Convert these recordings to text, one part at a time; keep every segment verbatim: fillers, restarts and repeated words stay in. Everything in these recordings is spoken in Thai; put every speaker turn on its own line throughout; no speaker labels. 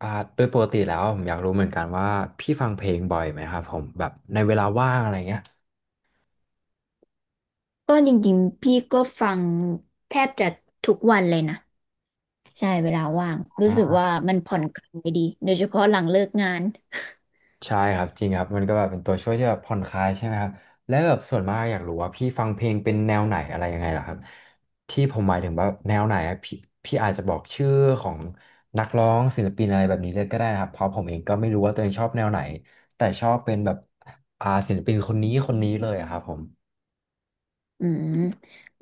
อ่าโดยปกติแล้วผมอยากรู้เหมือนกันว่าพี่ฟังเพลงบ่อยไหมครับผมแบบในเวลาว่างอะไรเงี้ย
ก็จริงๆพี่ก็ฟังแทบจะทุกวันเลยนะใช่เวลาว่าง
อ่
รู้สึก
า
ว่ามันผ่อนคลายดีโดยเฉพาะหลังเลิกงาน
ใช่ครับจริงครับมันก็แบบเป็นตัวช่วยที่แบบผ่อนคลายใช่ไหมครับและแบบส่วนมากอยากรู้ว่าพี่ฟังเพลงเป็นแนวไหนอะไรยังไงล่ะครับที่ผมหมายถึงว่าแนวไหนอะพี่พี่อาจจะบอกชื่อของนักร้องศิลปินอะไรแบบนี้เลยก็ได้นะครับเพราะผมเองก็ไม่รู้ว่าตัวเองชอบแนวไหนแต่ชอบเป็นแบบอ่าศิลปินคนนี้คนนี้เลยอะครับผม
อืม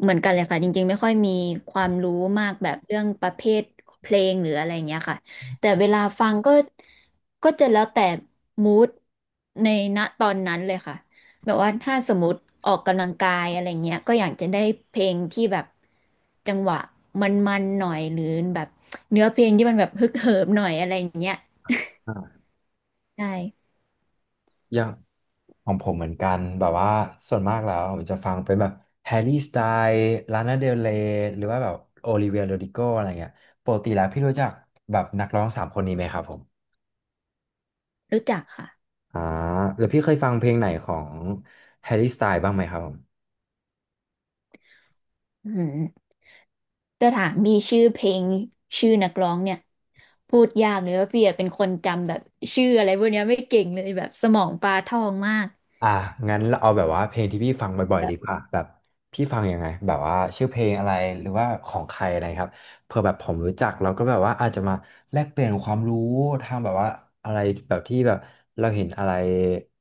เหมือนกันเลยค่ะจริงๆไม่ค่อยมีความรู้มากแบบเรื่องประเภทเพลงหรืออะไรเงี้ยค่ะแต่เวลาฟังก็ก็จะแล้วแต่มูดในณตอนนั้นเลยค่ะแบบว่าถ้าสมมติออกกำลังกายอะไรเงี้ยก็อยากจะได้เพลงที่แบบจังหวะมันๆหน่อยหรือแบบเนื้อเพลงที่มันแบบฮึกเหิมหน่อยอะไรอย่างเงี้ย
อ่า
ใช่
อย่าง ของผมเหมือนกันแบบว่าส่วนมากแล้วผมจะฟังเป็นแบบแฮร์รี่สไตล์ลานาเดลเรย์หรือว่าแบบโอลิเวียโรดิโกอะไรเงี้ยปกติแล้วพี่รู้จักแบบนักร้องสามคนนี้ไหมครับผม
รู้จักค่ะ
อ่าหรือพี่เคยฟังเพลงไหนของแฮร์รี่สไตล์บ้างไหมครับผม
อืมจะถามมีชื่อเพลงชื่อนักร้องเนี่ย พูดยากเลยว่าพี่อะเป็นคนจำแบบชื่ออะไรพวกเนี้ยไม่เก่งเลยแบบสมองปลาทองมาก
อ่ะงั้นเราเอาแบบว่าเพลงที่พี่ฟังบ่อยๆ
แบ
ดี
บ
กว่าแบบพี่ฟังยังไงแบบว่าชื่อเพลงอะไรหรือว่าของใครอะไรครับเผื่อแบบผมรู้จักเราก็แบบว่าอาจจะมาแลกเปลี่ยนความรู้ทางแบบว่าอะไรแบบที่แบบเราเห็นอะไร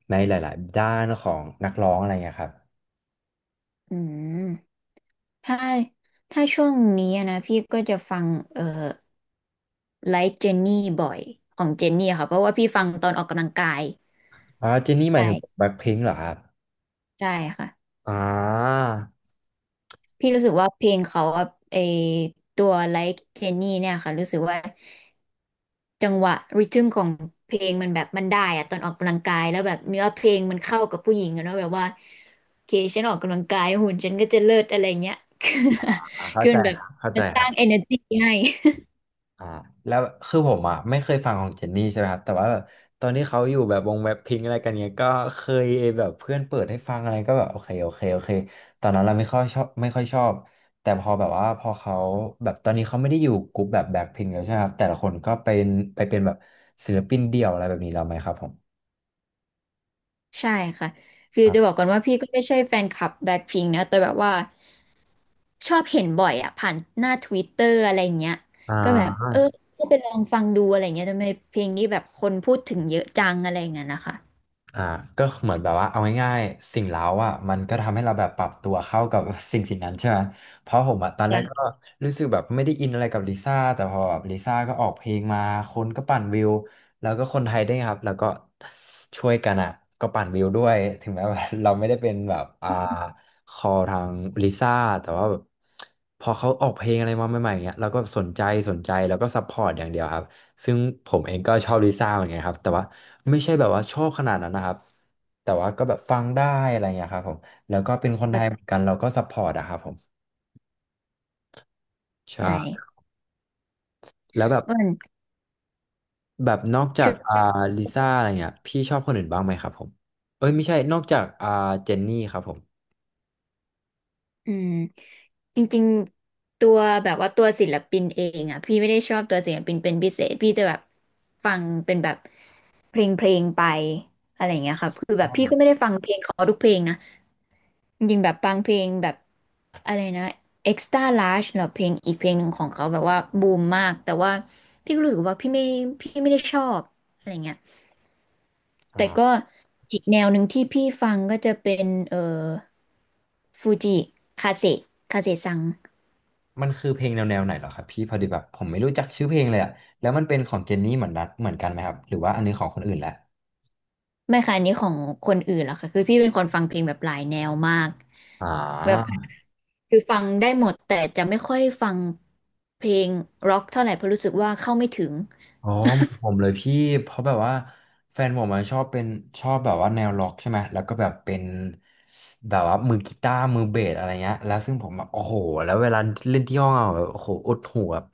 ในหลายๆด้านของนักร้องอะไรเงี้ยครับ
อืมถ้าถ้าช่วงนี้อะนะพี่ก็จะฟังเอ่อไลฟ์เจนนี่บ่อยของเจนนี่ค่ะเพราะว่าพี่ฟังตอนออกกำลังกาย
อ๋อเจนนี่หมายถึง
ใช่
แบล็คพิงค์เหรอครับ
ใช่ค่ะ
อ่า
พี่รู้สึกว่าเพลงเขาอะไอตัว ไลก์ เจนนี่ เนี่ยค่ะรู้สึกว่าจังหวะริทึมของเพลงมันแบบมันได้อะตอนออกกำลังกายแล้วแบบเนื้อเพลงมันเข้ากับผู้หญิงอะเนาะแบบว่าโอเคฉันออกกำลังกายหุ่นฉันก็จะเลิศอะไรเงี้ย คือ
อ่าเข้า
คือ
ใจ
มันแบบ
ครับเข้า
มั
ใจ
นส
ครั
ร้าง
บ
เอเนอร์จี้ ให้
อ่าแล้วคือผมอ่ะไม่เคยฟังของเจนนี่ใช่ไหมครับแต่ว่าแบบตอนที่เขาอยู่แบบวงแบ็คพิงอะไรกันเนี้ยก็เคยแบบเพื่อนเปิดให้ฟังอะไรก็แบบโอเคโอเคโอเคตอนนั้นเราไม่ค่อยชอบไม่ค่อยชอบแต่พอแบบว่าพอเขาแบบตอนนี้เขาไม่ได้อยู่กลุ่มแบบแบ็คพิงแล้วใช่ไหมครับแต่ละคนก็เป็นไปเป็นแบบศิลปินเดี่ยวอะไรแบบนี้แล้วไหมครับผม
ใช่ค่ะคือจะบ
อ่า
อกก่อนว่าพี่ก็ไม่ใช่แฟนคลับแบล็คพิงค์นะแต่แบบว่า ชอบเห็นบ่อยอะผ่านหน้าทวิตเตอร์อะไรเงี้ยก็แบบ
อ่า
เออก็ไปลองฟังดูอะไรเงี้ยทำไมเพลงนี้แบบคนพูดถึงเยอะจังอะไรเงี้ยนะคะ
อ่าก็เหมือนแบบว่าเอาง่ายๆสิ่งเร้าอ่ะมันก็ทำให้เราแบบปรับตัวเข้ากับ สิ่งสิ่งนั้นใช่ไหมเพราะผมอ่ะตอนแรกก็
จะ
รู้สึกแบบไม่ได้อินอะไรกับลิซ่าแต่พอแบบลิซ่าก็ออกเพลงมาคนก็ปั่นวิวแล้วก็คนไทยด้วยครับแล้วก็ช่วยกันอ่ะก็ปั่นวิวด้วยถึงแม้ว่า เราไม่ได้เป็นแบบอ่าคอทางลิซ่าแต่ว่าแบบพอเขาออกเพลงอะไรมาใหม่ๆเงี้ยเราก็สนใจสนใจแล้วก็ซัพพอร์ตอย่างเดียวครับ ซึ่งผมเองก็ชอบลิซ่าเหมือนกันครับแต่ว่าไม่ใช่แบบว่าชอบขนาดนั้นนะครับแต่ว่าก็แบบฟังได้อะไรเงี้ยครับผมแล้วก็เป็นคนไทยเห
เข้า
มือนกันเราก็ซัพพอร์ตอะครับผม
ใจ
ใช่แล้วแบบ
ก็มัน
แบบนอกจา
ช่
ก
ว
อ่า
ย
ลิซ่าอะไรเงี้ยพี่ชอบคนอื่นบ้างไหมครับผมเอ้ยไม่ใช่นอกจากอ่าเจนนี่ครับผม
อืมจริงๆตัวแบบว่าตัวศิลปินเองอะพี่ไม่ได้ชอบตัวศิลปินเป็นพิเศษพี่จะแบบฟังเป็นแบบเพลงเพลงไปอะไรเงี้ยค่ะคือแบบ
อ
พี่ก็ไม่ได้ฟังเพลงเขาทุกเพลงนะ จริงๆแบบบางเพลงแบบอะไรนะ เอ็กซ์ตร้า ลาร์จ เหรอเพลงอีกเพลงหนึ่งของเขาแบบว่าบูมมากแต่ว่าพี่ก็รู้สึกว่าพี่ไม่พี่ไม่ได้ชอบอะไรเงี้ยแต่
่า
ก็อีกแนวหนึ่งที่พี่ฟังก็จะเป็นเอ่อฟูจิคาเซคาเซซัง
มันคือเพลงแนวแนวไหนเหรอครับพี่พอดีแบบผมไม่รู้จักชื่อเพลงเลยอะแล้วมันเป็นของเจนนี่เหมือนนัดเหมือนกันไหมครับหรือว่าอันนี้ของคนอื่นแหละ
ไม่ค่ะอันนี้ของคนอื่นหรอกค่ะคือพี่เป็นคนฟังเพลงแบบหลายแนวมาก
อ่
แบบ
า
คือฟังได้หมดแต่จะไม่ค่อยฟังเพลงร็อกเท่าไหร่เพราะรู้สึกว่าเข้าไม่ถึง
อ๋อเหมือนผมเลยพี่เพราะแบบว่าแฟนผมอะชอบเป็นชอบแบบว่าแนวร็อกใช่ไหมแล้วก็แบบเป็นแบบว่ามือกีตาร์มือเบสอะไรเงี้ยแล้วซึ่งผมแบบโอ้โหแล้วเวลาเล่นที่ห้องอะแบบโอ้โหอดหูแบบ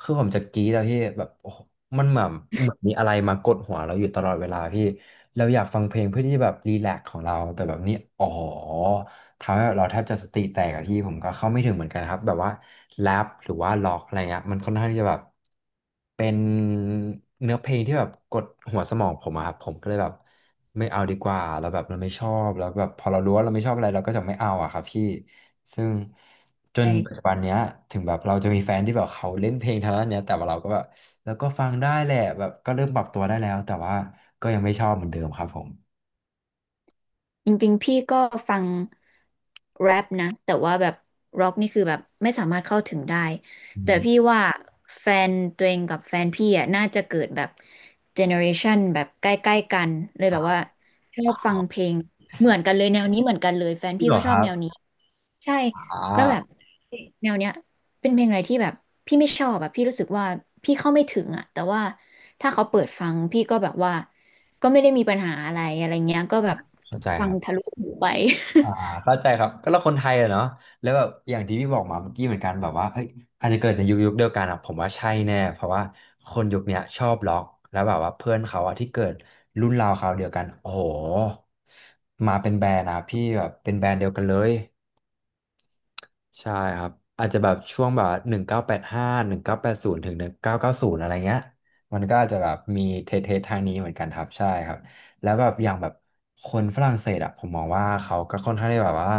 คือผมจะกรี๊ดอะพี่แบบโอ้โหมันเหมือนเหมือนมีอะไรมากดหัวเราอยู่ตลอดเวลาพี่เราอยากฟังเพลงเพื่อที่จะแบบรีแลกซ์ของเราแต่แบบนี้อ๋อ ทำให้แบบเราแทบจะสติแตกอะพี่ผมก็เข้าไม่ถึงเหมือนกันครับแบบว่าแรปหรือว่าล็อกอะไรเงี้ยมันค่อนข้างที่จะแบบเป็นเนื้อเพลงที่แบบกดหัวสมองผมอะครับผมก็เลยแบบไม่เอาดีกว่าเราแล้วแบบเราไม่ชอบแล้วแบบพอเรารู้ว่าเราไม่ชอบอะไรเราก็จะไม่เอาอะครับพี่ซึ่งจนปัจจุบันเนี้ยถึงแบบเราจะมีแฟนที่แบบเขาเล่นเพลงทางด้านเนี้ยแต่ว่าเราก็แบบแล้วก็ฟังได้แหละแบบก็เริ่มปรับตัวได้แล้วแต่ว่าก็ยังไม่ชอบเหมือนเดิมครับผม
จริงๆพี่ก็ฟังแรปนะแต่ว่าแบบร็อกนี่คือแบบไม่สามารถเข้าถึงได้
อื
แต่
ม
พี่ว่าแฟนตัวเองกับแฟนพี่อ่ะน่าจะเกิดแบบเจเนอเรชันแบบใกล้ๆกันเลย
ค
แบ
รั
บว่า
บ
ชอบฟังเพลงเหมือนกันเลยแนวนี้เหมือนกันเลยแฟน
พี่
พี่
เหรอ
ก็ช
ค
อบ
รั
แนว
บ
นี้ ใช่
อ่
แล้วแบบ
า
แนวเนี้ยเป็นเพลงอะไรที่แบบพี่ไม่ชอบอะพี่รู้สึกว่าพี่เข้าไม่ถึงอะแต่ว่าถ้าเขาเปิดฟังพี่ก็แบบว่าก็ไม่ได้มีปัญหาอะไรอะไรเงี้ยก็แบบ
เข้าใจ
ฟั
ค
ง
รั
ทะ
บ
ลุหูไป
อ่าเข้าใจครับก็เราคนไทยอะเนาะแล้วแบบอย่างที่พี่บอกมาเมื่อกี้เหมือนกันแบบว่าเอ้ยอาจจะเกิดในยุคยุคเดียวกันอะผมว่าใช่แน่เพราะว่าคนยุคเนี้ยชอบล็อกแล้วแบบว่าเพื่อนเขาอะที่เกิดรุ่นราวคราวเดียวกันโอ้โหมาเป็นแบรนด์อะพี่แบบเป็นแบรนด์เดียวกันเลย ใช่ครับอาจจะแบบช่วงแบบหนึ่งเก้าแปดห้าหนึ่งเก้าแปดศูนย์ถึงหนึ่งเก้าเก้าศูนย์อะไรเงี้ยมันก็อาจจะแบบมีเทเททางนี้เหมือนกันครับใช่ครับแล้วแบบอย่างแบบคนฝรั่งเศสอะผมมองว่าเขาก็ค่อนข้างที่แบบว่า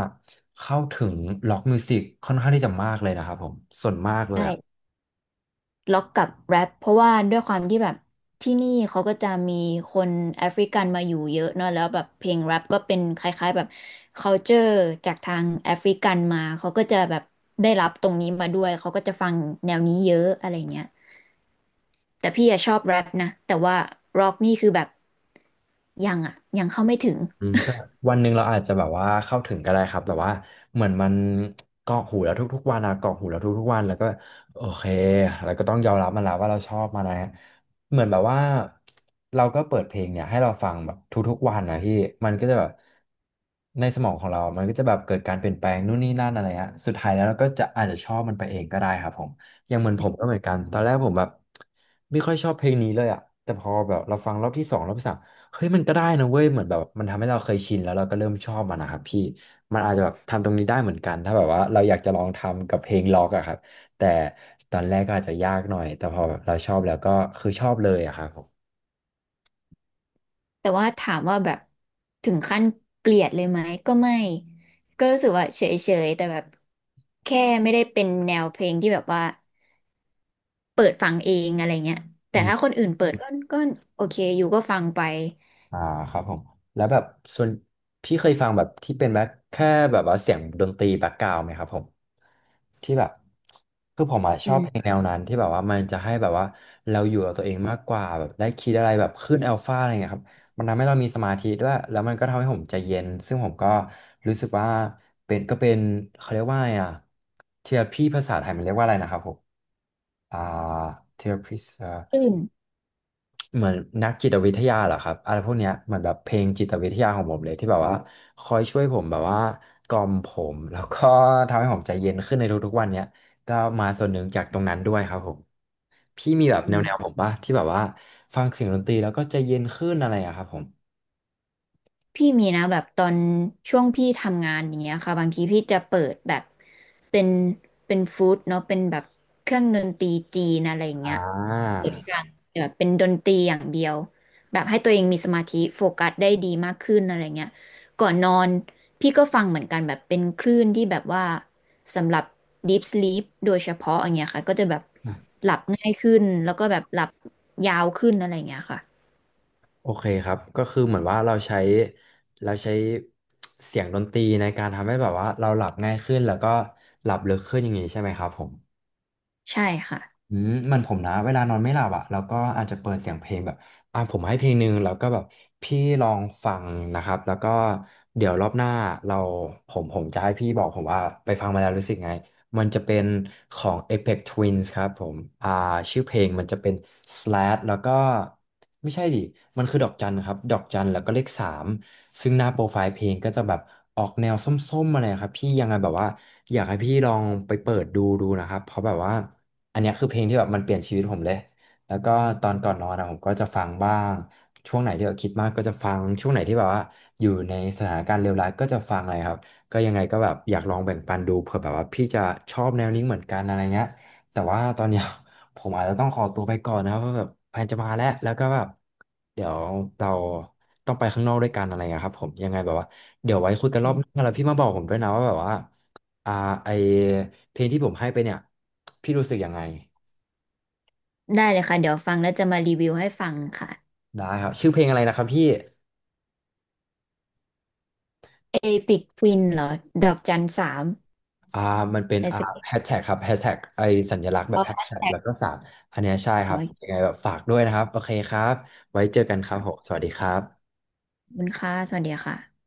เข้าถึงล็อกมิวสิกค่อนข้างที่จะมากเลยนะครับผมส่วนมากเลยอะ
ใช่ล็อกกับแรปเพราะว่าด้วยความที่แบบที่นี่เขาก็จะมีคนแอฟริกันมาอยู่เยอะเนอะแล้วแบบเพลงแรปก็เป็นคล้ายๆแบบ คัลเจอร์ จากทางแอฟริกันมาเขาก็จะแบบได้รับตรงนี้มาด้วยเขาก็จะฟังแนวนี้เยอะอะไรเงี้ย แต่พี่อะชอบแรปนะแต่ว่าร็อกนี่คือแบบยังอะยังเข้าไม่ถึง
อืมใช่วันหนึ่งเราอาจจะแบบว่าเข้าถึงก็ได้ครับแบบว่าเหมือนมันเกาะหูแล้วทุกๆวันอะเกาะหูแล้วทุกๆวันแล้วก็โอเคแล้วก็ต้องยอมรับมันแล้วว่าเราชอบมันนะเหมือนแบบว่าเราก็เปิดเพลงเนี่ยให้เราฟังแบบทุกๆวันนะพี่มันก็จะแบบในสมองของเรามันก็จะแบบเกิดการเปลี่ยนแปลงนู่นนี่นั่นอะไรฮะสุดท้ายแล้วเราก็จะอาจจะชอบมันไปเองก็ได้ครับผมอย่างเหมือนผมก็เหมือนกันตอนแรกผมแบบไม่ค่อยชอบเพลงนี้เลยอะแต่พอแบบเราฟังรอบที่สองรอบที่สาม เฮ้ยมันก็ได้นะเว้ยเหมือนแบบมันทำให้เราเคยชินแล้วเราก็เริ่มชอบมันนะครับพี่มันอาจจะแบบทำตรงนี้ได้เหมือนกันถ้าแบบว่าเราอยากจะลองทำกับเพลงล็อกอะครับแต่ตอนแรกก็อาจจะยากหน่อยแต่พอแบบเราชอบแล้วก็คือชอบเลยอะครับผม
แต่ว่าถามว่าแบบถึงขั้นเกลียดเลยไหมก็ไม่ก็รู้สึกว่าเฉยๆแต่แบบแค่ไม่ได้เป็นแนวเพลงที่แบบว่าเปิดฟังเองอะไรเงี้ยแต่ถ้าคนอื่นเปิดก็ก็โอเคอยู่ก็ฟังไป
อ่าครับผมแล้วแบบส่วนพี่เคยฟังแบบที่เป็นแบบแค่แบบว่าเสียงดนตรีแบ็กกราวด์ไหมครับผมที่แบบคือผมอะช
อื
อบเพลง
ม
แนวนั้นที่แบบว่ามันจะให้แบบว่าเราอยู่กับตัวเองมากกว่าแบบได้คิดอะไรแบบขึ้นอัลฟาอะไรเงี้ยครับมันทำให้เรามีสมาธิด้วยแล้วมันก็ทำให้ผมใจเย็นซึ่งผมก็รู้สึกว่าเป็นก็เป็นเขาเรียกว่าไงอะเทอราพีภาษาไทยมันเรียกว่าอะไรนะครับผมอ่าเทอราพี
ตื่น
เหมือนนักจิตวิทยาเหรอครับอะไรพวกเนี้ยเหมือนแบบเพลงจิตวิทยาของผมเลยที่แบบว่าคอยช่วยผมแบบว่ากล่อมผมแล้วก็ทำให้ผมใจเย็นขึ้นในทุกๆวันเนี้ยก็มาส่วนหนึ่งจากตรงนั้นด้วยครับผมพี่มีแบบ
อื
แนวๆ
ม
ผมปะที่แบบว่าฟังเสียงดนตรีแล้วก็ใจเย็นขึ้นอะไรอะครับผม
พี่มีนะแบบตอนช่วงพี่ทำงานอย่างเงี้ยค่ะบางทีพี่จะเปิดแบบเป็นเป็นฟู้ดเนาะเป็นแบบเครื่องดนตรีจีนอะไรอย่าง
อ่
เงี้ย
า
เปิดฟังแบบเป็นดนตรีอย่างเดียวแบบให้ตัวเองมีสมาธิโฟกัสได้ดีมากขึ้นอะไรเงี้ยก่อนนอนพี่ก็ฟังเหมือนกันแบบเป็นคลื่นที่แบบว่าสำหรับ ดีพ สลีป โดยเฉพาะอย่างเงี้ยค่ะก็จะแบบหลับง่ายขึ้นแล้วก็แบบหลับยาวขึ้นอะไรอย่างเงี้ยค่ะ
โอเคครับก็คือเหมือนว่าเราใช้เราใช้เสียงดนตรีในการทำให้แบบว่าเราหลับง่ายขึ้นแล้วก็หลับลึกขึ้นอย่างนี้ใช่ไหมครับผม
ใช่ค่ะ
อืมมันผมนะเวลานอนไม่หลับอ่ะแล้วก็อาจจะเปิดเสียงเพลงแบบอ่ะผมให้เพลงหนึ่งแล้วก็แบบพี่ลองฟังนะครับแล้วก็เดี๋ยวรอบหน้าเราผมผมจะให้พี่บอกผมว่าไปฟังมาแล้วรู้สึกไง มันจะเป็นของ เอเพ็กซ์ ทวินส์ ครับผมอ่าชื่อเพลงมันจะเป็น สแลช แล้วก็ไม่ใช่ดิมันคือดอกจันครับดอกจันแล้วก็เลขสามซึ่งหน้าโปรไฟล์เพลงก็จะแบบออกแนวส้มๆอะไรครับพี่ยังไงแบบว่าอยากให้พี่ลองไปเปิดดูดูนะครับเพราะแบบว่าอันเนี้ยคือเพลงที่แบบมันเปลี่ยนชีวิตผมเลย แล้วก็ตอนก่อนนอนนะผมก็จะฟังบ้าง ช่วงไหนที่แบบคิดมากก็จะฟังช่วงไหนที่แบบว่าอยู่ในสถานการณ์เลวร้ายก็จะฟังอะไรครับ ก็ยังไงก็แบบอยากลองแบ่งปันดูเผื่อแบบว่าพี่จะชอบแนวนี้เหมือนกันอะไรเงี้ยแต่ว่าตอนเนี้ย ผมอาจจะต้องขอตัวไปก่อนนะครับเพราะแบบแฟนจะมาแล้วแล้วก็แบบเดี๋ยวเราต้องไปข้างนอกด้วยกันอะไรเงี้ยครับผมยังไงแบบว่าเดี๋ยวไว้คุยกันรอบหน้าแล้วพี่มาบอกผมด้วยนะว่าแบบว่าอ่าไอเพลงที่ผมให้ไปเนี่ยพี่รู้สึกยังไง
ได้เลยค่ะเดี๋ยวฟังแล้วจะมารีวิวให้ฟังค่ะ
ได้ครับชื่อเพลงอะไรนะครับพี่
เอพิกควินเหรอดอกจันสาม
อ่ามันเป็น
อะไร
อ่า
สักอย่าง
แฮชแท็กครับแฮชแท็กไอสัญลักษณ์แบบแฮชแท็ก
แท็ก
แล้วก็สามอันเนี้ยใช่
ข
ค
อ
รับ
อีก
ยังไงแบบฝากด้วยนะครับโอเคครับไว้เจอกันค
ค
รับ
รั้ง
ผมสวัสดีครับ
ขอบคุณค่ะสวัสดีค่ะ